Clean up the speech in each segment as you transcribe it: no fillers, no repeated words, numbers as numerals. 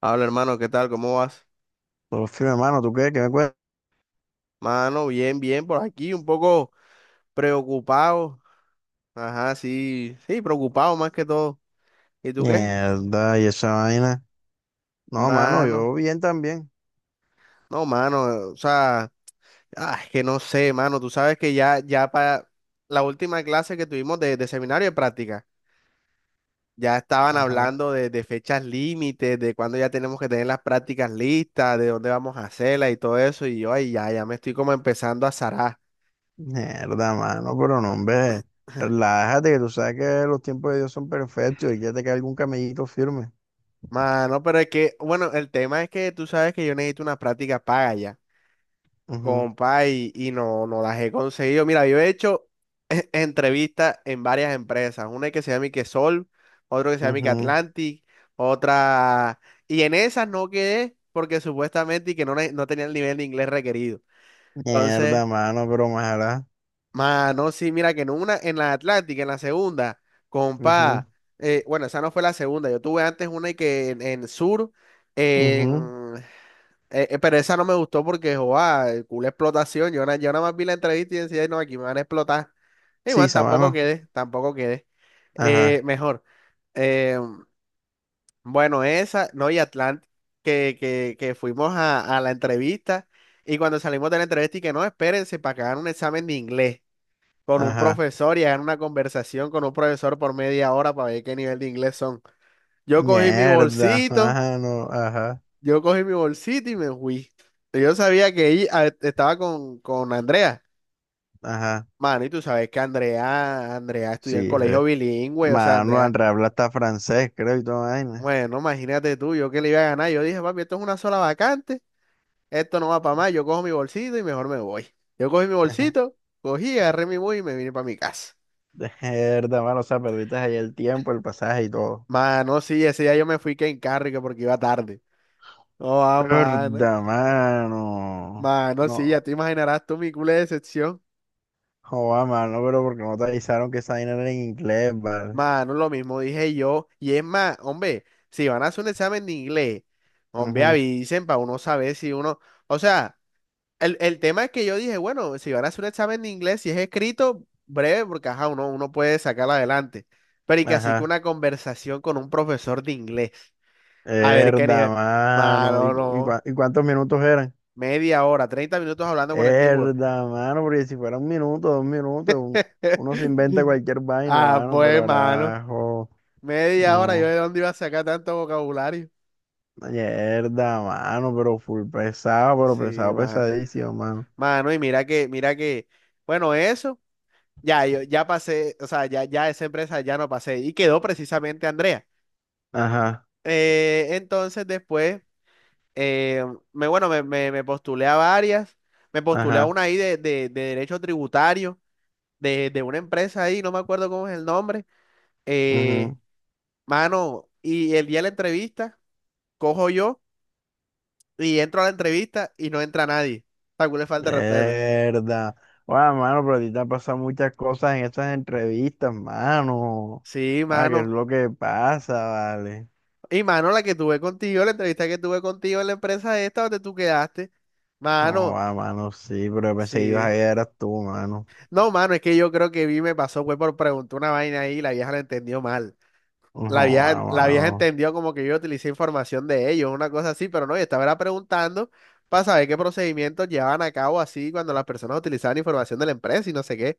Habla, hermano, ¿qué tal? ¿Cómo vas? Todo firme, mano, ¿tú qué? ¿Qué me cuentas? Mano, bien, bien, por aquí, un poco preocupado. Ajá, sí, sí, preocupado más que todo. ¿Y tú qué? Mierda, y esa vaina. No, mano, Mano, yo bien también. no, mano, o sea, es que no sé, mano, tú sabes que ya, ya para la última clase que tuvimos de seminario de práctica, ya estaban Ajá. hablando de fechas límites, de cuándo ya tenemos que tener las prácticas listas, de dónde vamos a hacerlas y todo eso, y yo, ay, ya, ya me estoy como empezando a zarar. Mierda, mano, pero no, hombre. Relájate, que tú sabes que los tiempos de Dios son perfectos y que te cae algún camellito firme. Mano, pero es que, bueno, el tema es que tú sabes que yo necesito una práctica paga ya, Ujú, compa, y no, no las he conseguido. Mira, yo he hecho entrevistas en varias empresas, una que se llama que Sol, otro que se llama que ujú. Atlantic, otra, y en esas no quedé porque supuestamente y que no, no tenía el nivel de inglés requerido. Entonces, Mierda, mano, pero ojalá. mano, sí, mira que en una, en la Atlantic, en la segunda, Ujú, compa, bueno, esa no fue la segunda, yo tuve antes una y que en Sur. En ujú. Pero esa no me gustó porque, joa, el culo explotación. Yo nada más vi la entrevista y decía, "Ay, no, aquí me van a explotar." Y Sí, bueno, esa tampoco mano. quedé, tampoco quedé. Ajá, Mejor. Eh, bueno, esa, no, y Atlant, que fuimos a la entrevista y cuando salimos de la entrevista y que no, espérense para que hagan un examen de inglés con un ajá. profesor y hagan una conversación con un profesor por media hora para ver qué nivel de inglés son. Yo cogí mi Mierda, bolsito. mano, ajá, Yo cogí mi bolsita y me fui. Yo sabía que ella estaba con Andrea. ajá. Mano, y tú sabes que Andrea, Andrea estudió en Sí, colegio eh. bilingüe, o sea, Mano, Andrea, Andrabla está francés, creo, y toda vaina. bueno, imagínate tú, yo que le iba a ganar. Yo dije, papi, esto es una sola vacante, esto no va para más, yo cojo mi bolsito y mejor me voy. Yo cogí mi bolsito, cogí, agarré mi bus y me vine para mi casa. Verdad, mano, o sea, perdiste ahí el tiempo, el pasaje y todo. Mano, sí, ese día yo me fui que en carro y que porque iba tarde. Oh, ah, mano. Verdad, mano. Mano, sí, ya No, te imaginarás tú mi culo de decepción. joda, mano, pero porque no te avisaron que esa vaina era en inglés, vale. Mano, lo mismo dije yo. Y es más, hombre, si van a hacer un examen de inglés, hombre, Ujú, avisen para uno saber si uno. O sea, el tema es que yo dije, bueno, si van a hacer un examen de inglés, si es escrito, breve, porque ajá, uno puede sacarlo adelante. Pero y que así que ajá. una conversación con un profesor de inglés. A ver qué Verdad, nivel. mano. ¿Y, Mano, no. Cuántos minutos eran? Media hora, 30 minutos hablando con el tipo. Verdad, mano, porque si fuera un minuto, dos minutos, uno se inventa cualquier vaina, Ah, mano, pues, pero mano. arajo, Media hora, yo no. de dónde iba a sacar tanto vocabulario. Mierda, mano, pero full pesado, pero Sí, pesado, mano. pesadísimo, mano. Mano, y mira que, bueno, eso, ya, yo ya pasé, o sea, ya, ya esa empresa ya no pasé y quedó precisamente Andrea. Ajá, Entonces después, eh, bueno, me postulé a varias, me postulé a ajá. una ahí de derecho tributario, de una empresa ahí, no me acuerdo cómo es el nombre. Eh, Ujú. Mano, y el día de la entrevista, cojo yo y entro a la entrevista y no entra nadie. Tal le falta de respeto. Verdad. Guau, mano, pero a ti te han pasado muchas cosas en esas entrevistas, mano. Sí, Ah, ¿qué es mano. lo que pasa, vale? Y mano, la que tuve contigo, la entrevista que tuve contigo en la empresa esta donde tú quedaste. No, Mano, ah, mano, sí, pero yo pensé que ibas sí. a ir, eras tú, mano. No, mano, es que yo creo que vi, me pasó, fue por preguntar una vaina ahí y la vieja la entendió mal. No, ah, La vieja mano. entendió como que yo utilicé información de ellos, una cosa así, pero no, yo estaba era preguntando para saber qué procedimientos llevaban a cabo así cuando las personas utilizaban información de la empresa y no sé qué.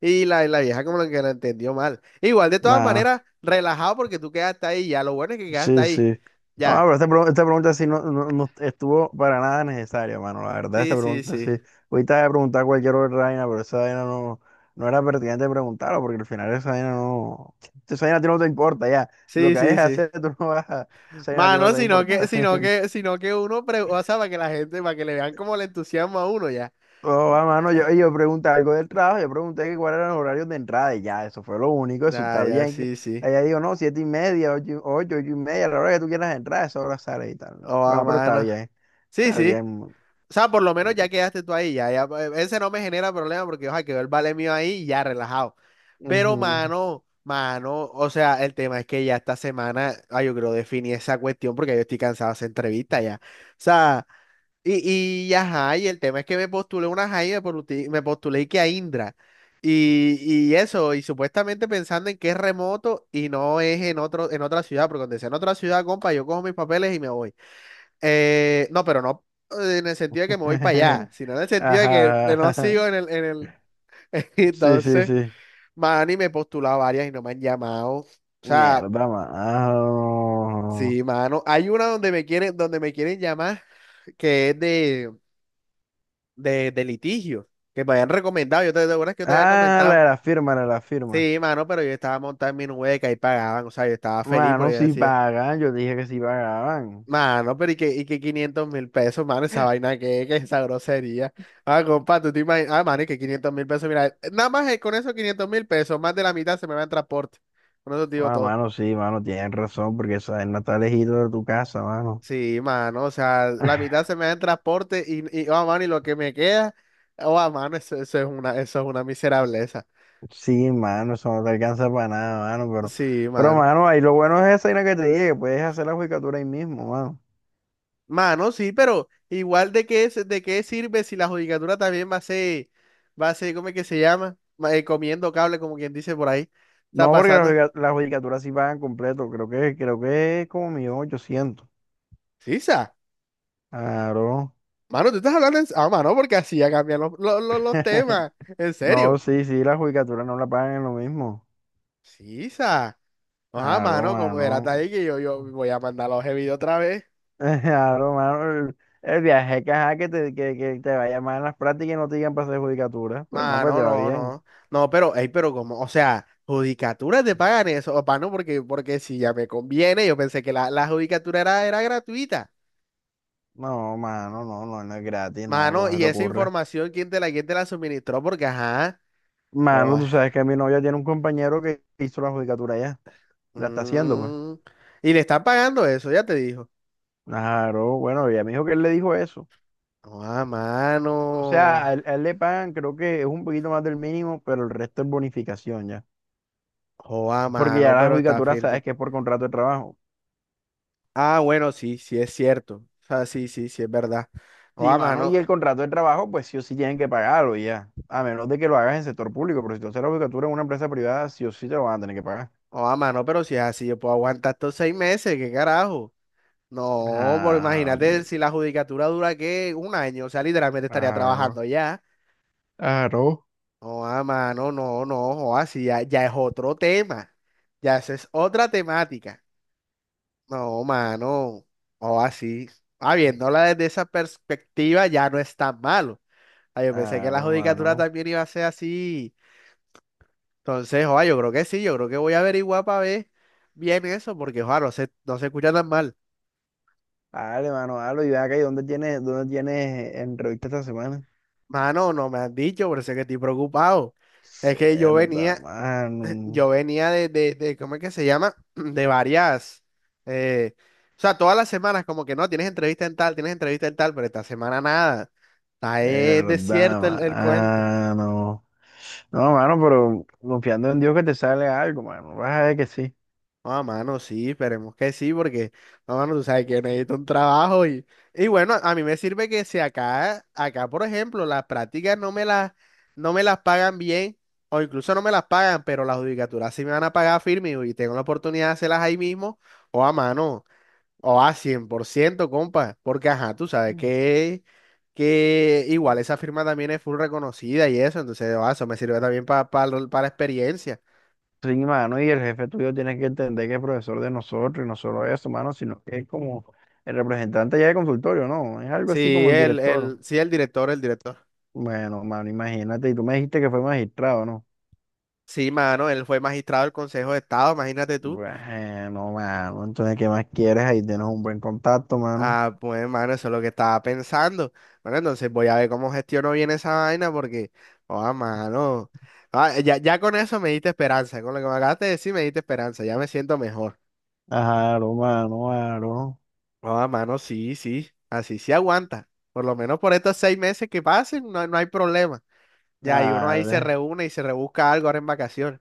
Y la vieja como que la entendió mal. Igual, de todas Mano. maneras, relajado porque tú quedaste ahí, ya lo bueno es que quedaste Sí, ahí. sí. No, Ya, pero esta, esta pregunta sí no, no, no estuvo para nada necesaria, mano. La verdad, sí, esta sí, pregunta sí. sí. Ahorita he preguntado cualquier otra vaina, pero esa vaina no, no era pertinente preguntarlo, porque al final esa vaina no. Esa vaina a ti no te importa, ya. Lo Sí, que sí, vayas a sí. hacer, tú no vas a. Esa vaina a ti no te Mano, va a sino que, importar. sino que, sino que uno, o sea, para que la gente, para que le vean como le entusiasma a uno ya. Oh, va, mano, yo pregunté algo del trabajo, yo pregunté que cuáles eran los horarios de entrada y ya, eso fue lo único, eso Ah, está ya, bien. Sí, sí. Ella dijo, no, 7:30, ocho, 8:30, la hora que tú quieras entrar, esa hora sale y tal. Oh, a Bueno, pero está mano. bien. Sí, Está sí. bien. O sea, por lo menos ya quedaste tú ahí, ya, ya. Ese no me genera problema porque, ojalá quedó el vale mío ahí y ya relajado. Pero, Ujú. mano, mano, o sea, el tema es que ya esta semana, ay, yo creo definí esa cuestión porque yo estoy cansado de esa entrevista ya. O sea. Y ajá, y el tema es que me postulé una Jaime, me postulé que a Indra. Y, y eso, y supuestamente pensando en que es remoto y no es en otro, en otra ciudad, porque cuando sea en otra ciudad, compa, yo cojo mis papeles y me voy. No, pero no, en el sentido de que me voy para allá, sino en el sentido de que de Ajá, no ajá. sigo en el. Sí, sí, Entonces, sí. mano, y me he postulado varias y no me han llamado. O sea, Mierda, mano. sí, mano. Hay una donde me quieren llamar, que es de litigio, que me habían recomendado, ¿te acuerdas que yo te había Ah, la comentado? de la firma, la de la firma. Sí, mano, pero yo estaba montado en mi nubeca y pagaban, o sea, yo estaba feliz Mano, porque yo si decía, pagan. Yo dije que si pagaban. mano, pero y que $500.000, mano, esa vaina que esa grosería. Ah, compa, tú te imaginas, ah, mano, y que $500.000, mira, nada más con esos $500.000, más de la mitad se me va en transporte. Con eso te digo Ah, todo. mano, sí, mano, tienen razón, porque esa vaina está lejito de tu casa, mano. Sí, mano, o sea, la mitad se me da en transporte y oh, mano, y lo que me queda, oh, ah, mano, eso es una miserableza. Sí, mano, eso no te alcanza para nada, mano, pero, Sí, pero, mano. mano, ahí lo bueno es esa vaina que te dije, que puedes hacer la judicatura ahí mismo, mano. Mano, sí, pero igual de qué, de qué sirve si la judicatura también va a ser, ¿cómo es que se llama? Comiendo cable, como quien dice por ahí. Está No, porque las, pasando. judica- las judicaturas sí pagan completo. Creo que es como 1.800.000. Sí, sa. Claro. Mano, tú estás hablando en. Ah, mano, porque así ya cambian los temas. En No, serio. sí, sí, las judicaturas no la pagan en lo mismo. Sí, sa. Ajá, Claro, mano, como verás mano. ahí que yo voy a mandar los videos otra vez. Claro, mano. El viaje que, ajá, que te vaya mal en las prácticas y no te digan para hacer judicatura. Pero no, me te Mano, va no, bien. no. No, pero, ey, pero como, o sea, judicatura te pagan eso, o no, porque si ya me conviene, yo pensé que la judicatura era gratuita. No, mano, no, no, no es gratis, no, Mano, ¿cómo se y te esa ocurre? información, quién te la suministró? Porque, ajá. Mano, Joda, tú sabes que mi novia tiene un compañero que hizo la judicatura ya. La está haciendo, pues. mm, y le están pagando eso, ya te dijo. Claro, bueno, ella me dijo que él le dijo eso. Joda, O sea, mano. a él le pagan, creo que es un poquito más del mínimo, pero el resto es bonificación ya. Joda, Porque ya mano, la pero está judicatura firme. sabes que es por contrato de trabajo. Ah, bueno, sí, sí es cierto. O sea, sí, sí, sí es verdad. Sí, Joda, mano, y mano. el contrato de trabajo, pues sí o sí tienen que pagarlo ya. A menos de que lo hagas en sector público, pero si tú haces la judicatura en una empresa privada, sí o sí te lo van a tener que pagar. Joda, mano, pero si es así, yo puedo aguantar estos 6 meses, ¿qué carajo? No, pero Ah, imagínate si la judicatura dura, ¿qué? Un año. O sea, literalmente estaría claro, trabajando ya. claro, Joda, mano, no, no, joda, sí, ya, ya es otro tema. Ya, esa es otra temática. No, mano. O así. Ah, viéndola desde esa perspectiva ya no es tan malo. Ah, yo pensé que la claro, judicatura mano. también iba a ser así. Entonces, oa, yo creo que sí, yo creo que voy a averiguar para ver bien eso, porque oa, no se, no se escucha tan mal. Dale, mano, dale, y ve acá, ¿y dónde tienes entrevista esta semana? Mano, no me han dicho, por eso es que estoy preocupado. Es que Cerda, mano. yo venía. ¿Cómo es que se llama? De varias. eh, o sea, todas las semanas, como que no, tienes entrevista en tal, tienes entrevista en tal, pero esta semana nada. Está De desierto el cuento. mano. No, mano, pero confiando en Dios que te sale algo, mano. Vas a ver que sí. Ah, mano, sí, esperemos que sí, porque, no, mano, tú sabes que necesito un trabajo y bueno, a mí me sirve que si acá, acá, por ejemplo, las prácticas no me las, no me las pagan bien, o incluso no me las pagan, pero las judicaturas sí me van a pagar firme y tengo la oportunidad de hacerlas ahí mismo, o a mano, o a 100% compa, porque ajá, tú sabes Mm. que, igual esa firma también es full reconocida y eso, entonces, ah, eso me sirve también para la experiencia. Sí, mano, y el jefe tuyo tiene que entender que es profesor de nosotros, y no solo eso, mano, sino que es como el representante ya de consultorio, ¿no? Es algo así Sí, como el el, director. el, sí, el director, el director. Bueno, mano, imagínate, y tú me dijiste que fue magistrado, ¿no? Sí, mano, él fue magistrado del Consejo de Estado, imagínate tú. Bueno, mano, entonces, ¿qué más quieres? Ahí tienes un buen contacto, mano. Ah, pues, mano, eso es lo que estaba pensando. Bueno, entonces voy a ver cómo gestiono bien esa vaina porque, oh, mano. Ah, ya, ya con eso me diste esperanza, con lo que me acabaste de decir me diste esperanza, ya me siento mejor. Claro, mano, claro. Oh, mano, sí, sí, así sí aguanta. Por lo menos por estos 6 meses que pasen, no, no hay problema. Ya, y uno ahí se Dale. reúne y se rebusca algo ahora en vacaciones.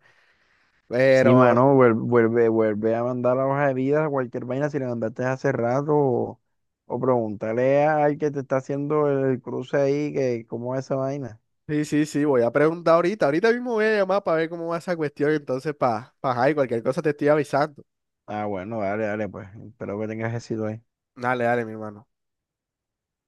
Sí, Pero. mano, vuelve a mandar la hoja de vida, cualquier vaina, si la mandaste hace rato, o pregúntale al que te está haciendo el cruce ahí, que cómo es esa vaina. Sí, sí, sí, voy a preguntar ahorita. Ahorita mismo voy a llamar para ver cómo va esa cuestión. Entonces, para, cualquier cosa te estoy avisando. Ah, bueno, dale, dale, pues, espero que tengas éxito ahí. Dale, dale, mi hermano.